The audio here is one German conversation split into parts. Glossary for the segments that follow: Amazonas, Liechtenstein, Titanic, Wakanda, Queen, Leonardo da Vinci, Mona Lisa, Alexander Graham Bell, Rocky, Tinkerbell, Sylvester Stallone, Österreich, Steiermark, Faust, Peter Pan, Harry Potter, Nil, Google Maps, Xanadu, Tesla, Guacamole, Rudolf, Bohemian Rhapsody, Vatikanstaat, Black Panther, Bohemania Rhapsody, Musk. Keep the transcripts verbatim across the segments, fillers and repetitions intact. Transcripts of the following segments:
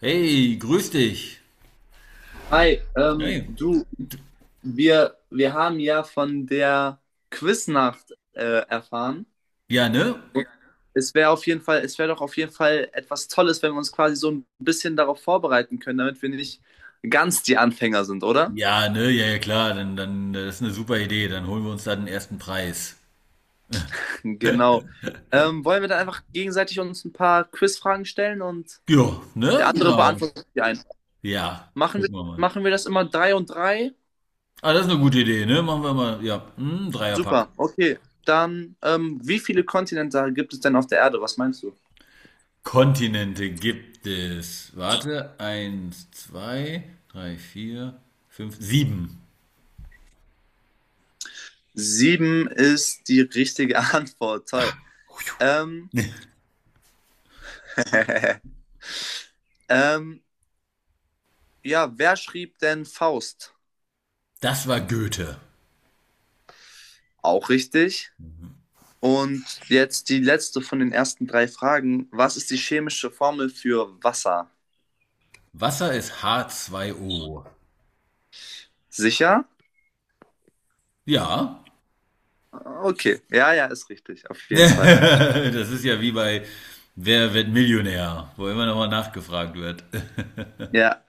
Hey, grüß dich. Hi, ähm, Hey, du, wir, wir haben ja von der Quiznacht äh, erfahren. ja, ne? Es wäre auf jeden Fall, es wäre doch auf jeden Fall etwas Tolles, wenn wir uns quasi so ein bisschen darauf vorbereiten können, damit wir nicht ganz die Anfänger sind, oder? Ja, ne? Ja, ja, klar. Dann, dann, das ist eine super Idee. Dann holen wir uns da den ersten Preis. Genau. Ähm, wollen wir dann einfach gegenseitig uns ein paar Quizfragen stellen und Ja, der ne? andere Genau. beantwortet die ein. Ja, Machen wir, gucken wir mal. machen wir das immer drei und drei? Ah, das ist eine gute Idee, ne? Machen wir mal. Ja, hm, Super, Dreierpack. okay. Dann, ähm, wie viele Kontinente gibt es denn auf der Erde? Was meinst du? Kontinente gibt es. Warte. Eins, zwei, drei, vier, fünf, sieben. Sieben ist die richtige Antwort. Toll. Ah, Ähm, ähm, ja, wer schrieb denn Faust? das war Goethe. Auch richtig. Und jetzt die letzte von den ersten drei Fragen. Was ist die chemische Formel für Wasser? Wasser ist h zwei o. Sicher? Ja, Okay. Ja, ja, ist richtig. Auf jeden Fall. das ist ja wie bei Wer wird Millionär, wo immer nochmal nachgefragt wird. Ja.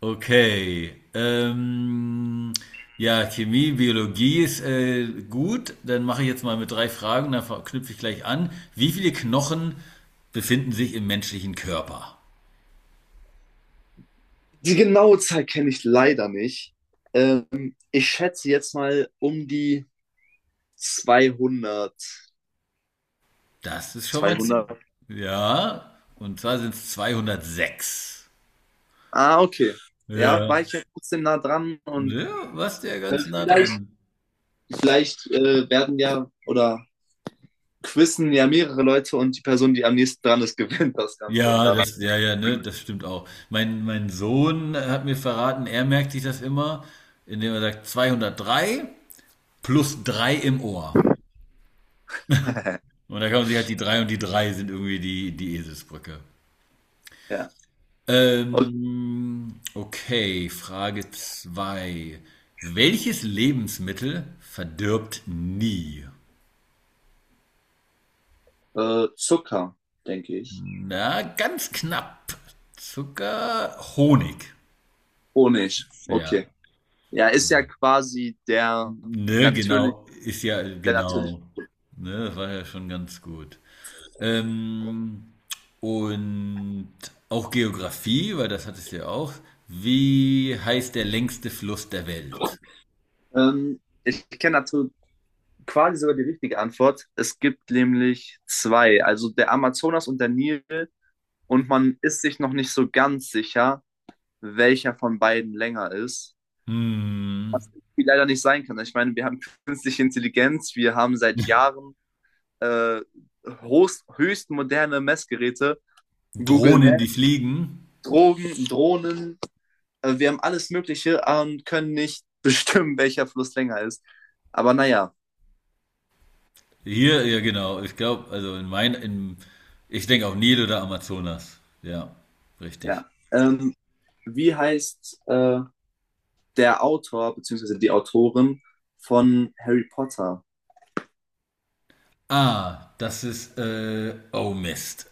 Okay. Ähm, ja, Chemie, Biologie ist äh, gut. Dann mache ich jetzt mal mit drei Fragen, dann knüpfe ich gleich an. Wie viele Knochen befinden sich im menschlichen Körper? Die genaue Zahl kenne ich leider nicht. Ähm, ich schätze jetzt mal um die zweihundert. Das ist schon mal zu. Zweihundert. Ja, und zwar sind es zweihundertsechs. Ah, okay. Ja, war Ja. ich ja trotzdem nah dran. Und Ja, was der ganz nah Vielleicht, dran. vielleicht äh, werden ja oder quizzen ja mehrere Leute, und die Person, die am nächsten dran ist, gewinnt das Ganze und Ja, danach. das, ja, ja, ne, das stimmt auch. Mein, mein Sohn hat mir verraten, er merkt sich das immer, indem er sagt zweihundertdrei plus drei im Ohr. Und da kann man sich halt die drei und die drei sind irgendwie die, die Eselsbrücke. Ja. Und Ähm, okay, Frage zwei. Welches Lebensmittel verdirbt nie? äh, Zucker, denke ich. Na, ganz knapp. Zucker, Honig. Honig, Ja. okay. Ja, ist ja quasi der Ne, natürlich, genau, ist ja, der natürlich. genau. Ne, das war ja schon ganz gut. Ähm, und auch Geografie, weil das hattest du ja auch. Wie heißt der längste Fluss der Welt? Ähm, ich kenne natürlich quasi sogar die richtige Antwort. Es gibt nämlich zwei, also der Amazonas und der Nil, und man ist sich noch nicht so ganz sicher, welcher von beiden länger ist. Hm, Wie leider nicht sein kann. Ich meine, wir haben künstliche Intelligenz, wir haben seit Jahren äh, hochst, höchst moderne Messgeräte, Google Drohnen, Maps, die fliegen. Drogen, Drohnen, äh, wir haben alles Mögliche und können nicht bestimmen, welcher Fluss länger ist. Aber naja, Hier, ja genau. Ich glaube, also in mein, in, ich denke auch Nil oder Amazonas. Ja, ja. richtig. Ja. Ähm, wie heißt äh, der Autor bzw. die Autorin von Harry Potter? Ah, das ist, äh, oh Mist.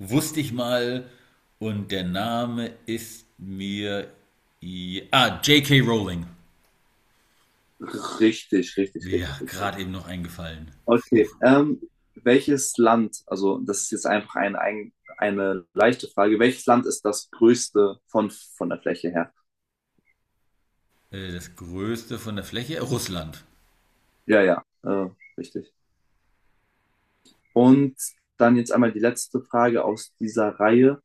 Wusste ich mal und der Name ist mir. i- Ah, J K. Rowling. Richtig, richtig, Ja, richtig, richtig. gerade eben noch eingefallen. Puh. Okay. Ähm, welches Land, also das ist jetzt einfach ein, ein, eine leichte Frage, welches Land ist das größte von, von der Fläche her? Äh, Das größte von der Fläche? Russland. Ja, ja, äh, richtig. Und dann jetzt einmal die letzte Frage aus dieser Reihe.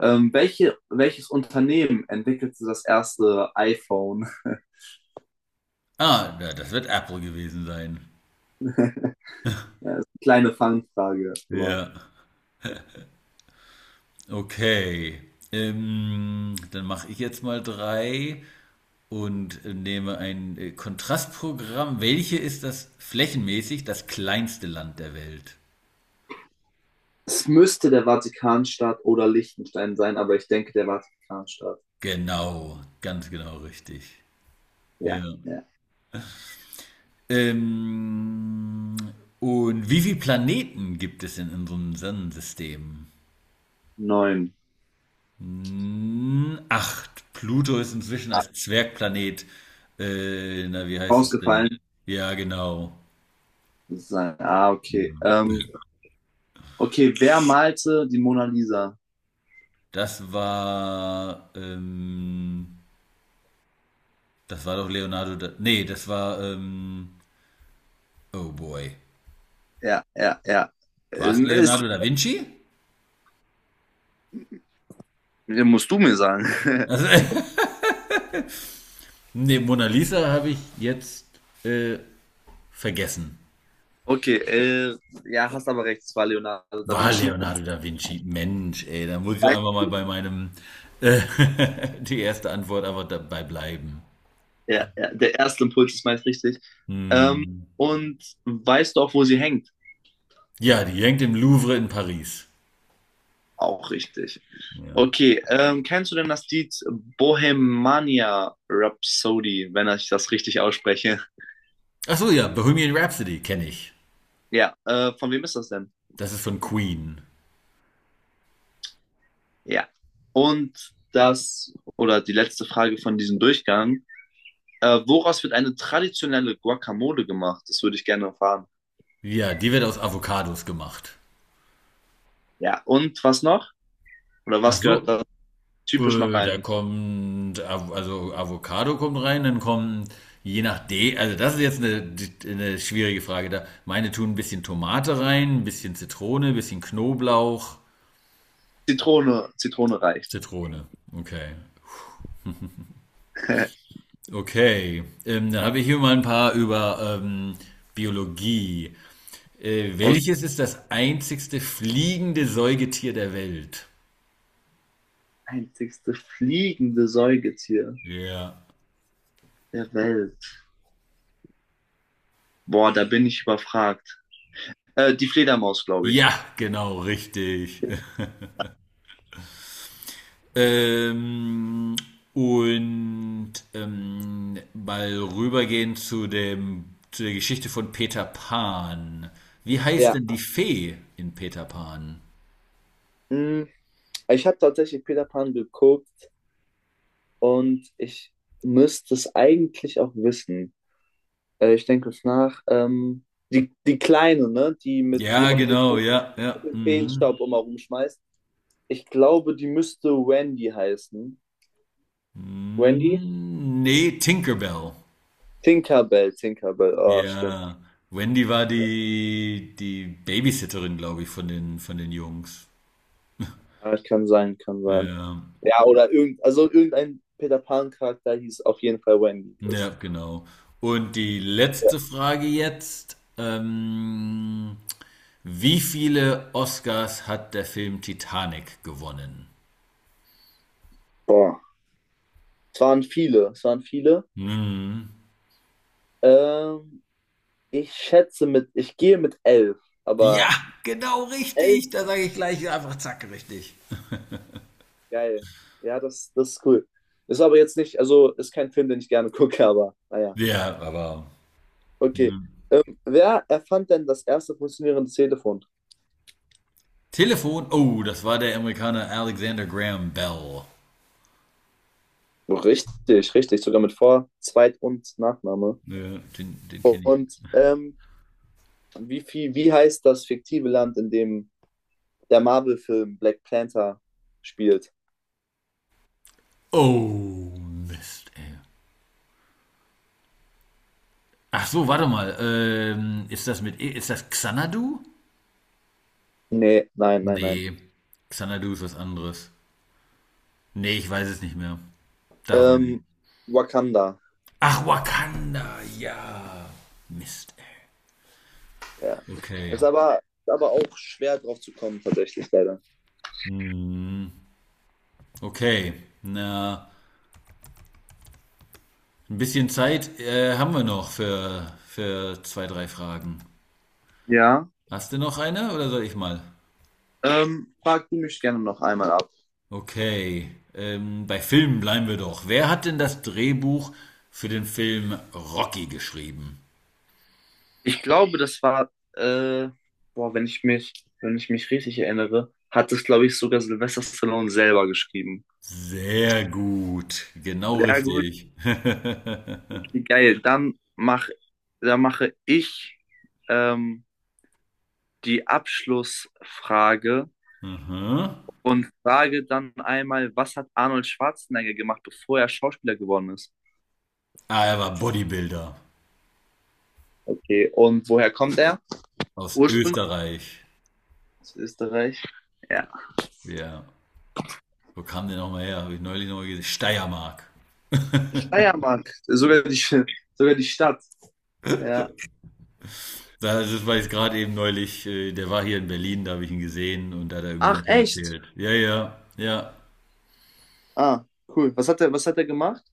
Ähm, welche, welches Unternehmen entwickelte das erste iPhone? Ah, ja, das wird Apple gewesen sein. Ja, ist eine kleine Fangfrage, aber Ja, okay. Ähm, dann mache ich jetzt mal drei und äh, nehme ein äh, Kontrastprogramm. Welche ist das flächenmäßig das kleinste Land der Welt? es müsste der Vatikanstaat oder Liechtenstein sein, aber ich denke der Vatikanstaat. Genau, ganz genau richtig. Ja. Ja, ja. Ähm, und wie viele Planeten gibt es in unserem Sonnensystem? Neun. Hm, Acht. Pluto ist inzwischen als Zwergplanet. Äh, na, wie heißt es denn? Ausgefallen. Ja, genau. Sein. Ah, okay. Ja. Ähm, okay, wer malte die Mona Lisa? Das war, ähm, Das war doch Leonardo da, nee, das war, ähm, oh boy. Ja, ja, ja. War es Ähm, Ist, Leonardo da Vinci? musst du mir sagen. Also, nee, Mona Lisa habe ich jetzt äh, vergessen. Okay, äh, ja, hast aber recht, es war Leonardo da War Vinci. Leonardo da Vinci. Mensch, ey, da muss ich doch einfach mal bei meinem äh, die erste Antwort einfach dabei bleiben. Ja, ja, der erste Impuls ist meist richtig. Ähm, Hm. und weißt du auch, wo sie hängt? Ja, die hängt im Louvre in Paris. Auch richtig. Ja. Okay, ähm, kennst du denn das Lied Bohemania Rhapsody, wenn ich das richtig ausspreche? Ach so, ja, Bohemian Rhapsody kenne ich. Ja, äh, von wem ist das denn? Das ist von Queen. Ja. Und das, oder die letzte Frage von diesem Durchgang. Äh, woraus wird eine traditionelle Guacamole gemacht? Das würde ich gerne erfahren. Ja, die wird aus Avocados gemacht. Ja, und was noch? Oder Ach was gehört so, da typisch noch äh, da rein? kommt, Av- also Avocado kommt rein, dann kommt, je nach D, also das ist jetzt eine, eine schwierige Frage da. Meine tun ein bisschen Tomate rein, ein bisschen Zitrone, ein bisschen Knoblauch, Zitrone, Zitrone reicht. Zitrone. Okay. Okay. Ähm, dann habe ich hier mal ein paar über ähm, Biologie. Äh, okay. Welches ist das einzigste fliegende Säugetier der Welt? Einzigste fliegende Säugetier Ja. der Welt. Boah, da bin ich überfragt. Äh, die Fledermaus, glaube ich. Ja, genau, richtig. Ähm, und ähm, mal rübergehen zu dem, zu der Geschichte von Peter Pan. Wie heißt Ja, denn die Fee in Peter Pan? hm, ich habe tatsächlich Peter Pan geguckt und ich müsste es eigentlich auch wissen. Äh, ich denke kurz nach. Ähm, die, die Kleine, ne? Die, mit, die Ja, immer mit dem genau, Feen- ja, mit ja. dem Mhm. Feenstaub immer rumschmeißt. Ich glaube, die müsste Wendy heißen. Wendy? Hm, nee, Tinkerbell. Tinkerbell, Tinkerbell. Oh, stimmt. Ja, Wendy war die, die Babysitterin, glaube ich, von den, von den Jungs. Ja, kann sein, kann sein. Ja, Ja, oder irgend, also irgendein Peter Pan-Charakter hieß auf jeden Fall Wendy. ja, Das, genau. Und die letzte Frage jetzt. Ähm, wie viele Oscars hat der Film Titanic gewonnen? boah. Es waren viele, es waren viele. Hm. Ähm, ich schätze mit, ich gehe mit elf, Ja, aber genau elf. richtig. Da sage ich gleich einfach zack, richtig. Geil. Ja, das, das ist cool. Ist aber jetzt nicht, also ist kein Film, den ich gerne gucke, aber naja. Ja, aber. Okay. Hm. Ähm, wer erfand denn das erste funktionierende Telefon? Telefon. Oh, das war der Amerikaner Alexander Graham Bell. Richtig, richtig. Sogar mit Vor-, Zweit- und Nachname. Ja, den den kenne ich. Und ähm, wie viel, wie heißt das fiktive Land, in dem der Marvel-Film Black Panther spielt? Oh, Mist, ey. Ach so, warte mal. Ähm, ist das mit. E- Ist das Xanadu? Nee, nein, nein, nein. Nee. Xanadu ist was anderes. Nee, ich weiß es nicht mehr. Da weiß ich. Ähm, Wakanda. Ach, Wakanda, ja. Mist, ey. Ja. Okay. Ist aber, aber auch schwer drauf zu kommen, tatsächlich, leider. Hm, okay. Na, ein bisschen Zeit äh, haben wir noch für, für zwei, drei Fragen. Ja. Hast du noch eine oder soll ich mal? Ähm, frag du mich gerne noch einmal ab. Okay, ähm, bei Filmen bleiben wir doch. Wer hat denn das Drehbuch für den Film Rocky geschrieben? Ich glaube, das war, äh, boah, wenn ich mich, wenn ich mich richtig erinnere, hat es, glaube ich, sogar Sylvester Stallone selber geschrieben. Sehr gut, genau Sehr gut, richtig. okay, geil. Dann mach, dann mache ich ähm, die Abschlussfrage Aha. und frage dann einmal, was hat Arnold Schwarzenegger gemacht, bevor er Schauspieler geworden ist? Ah, er war Bodybuilder Okay, und woher kommt er? aus Ursprünglich Österreich. aus Österreich. Ja. Ja, wo kam der nochmal her? Habe ich neulich nochmal gesehen. Steiermark. Steiermark, sogar die, sogar die Stadt. Ja. Das ist- war jetzt gerade eben neulich, äh, der war hier in Berlin, da habe ich ihn gesehen und da hat er irgendwie Ach, davon echt? erzählt. Ja, ja, ja. Ah, cool. Was hat er, was hat er gemacht?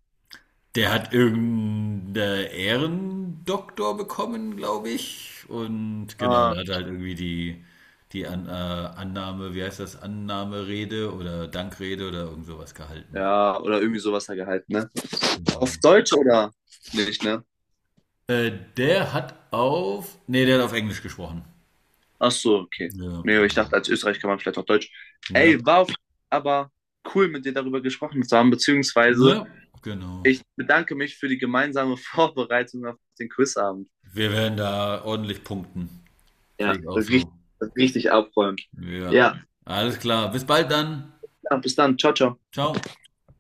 Der hat irgendeinen Ehrendoktor bekommen, glaube ich. Und genau, Ah, da hat er halt irgendwie die, die An äh, Annahme, wie heißt das, Annahmerede oder Dankrede oder irgend sowas gehalten. ja, oder irgendwie sowas hat er gehalten, ne? Auf Genau. Deutsch oder nicht, ne? Äh, Der hat auf, nee, der hat auf Englisch gesprochen. Ach so, okay. Ja. Nee, ich dachte, als Österreich kann man vielleicht auch Deutsch. Ne? Ey, war auf, aber cool, mit dir darüber gesprochen zu haben, beziehungsweise Ne? Genau. ich bedanke mich für die gemeinsame Vorbereitung auf den Quizabend. Wir werden da ordentlich punkten. Ja, Pfleg auch richtig, so. richtig abräumen. Ja. Ja, Alles klar. Bis bald dann. ja, bis dann. Ciao, ciao. Ciao.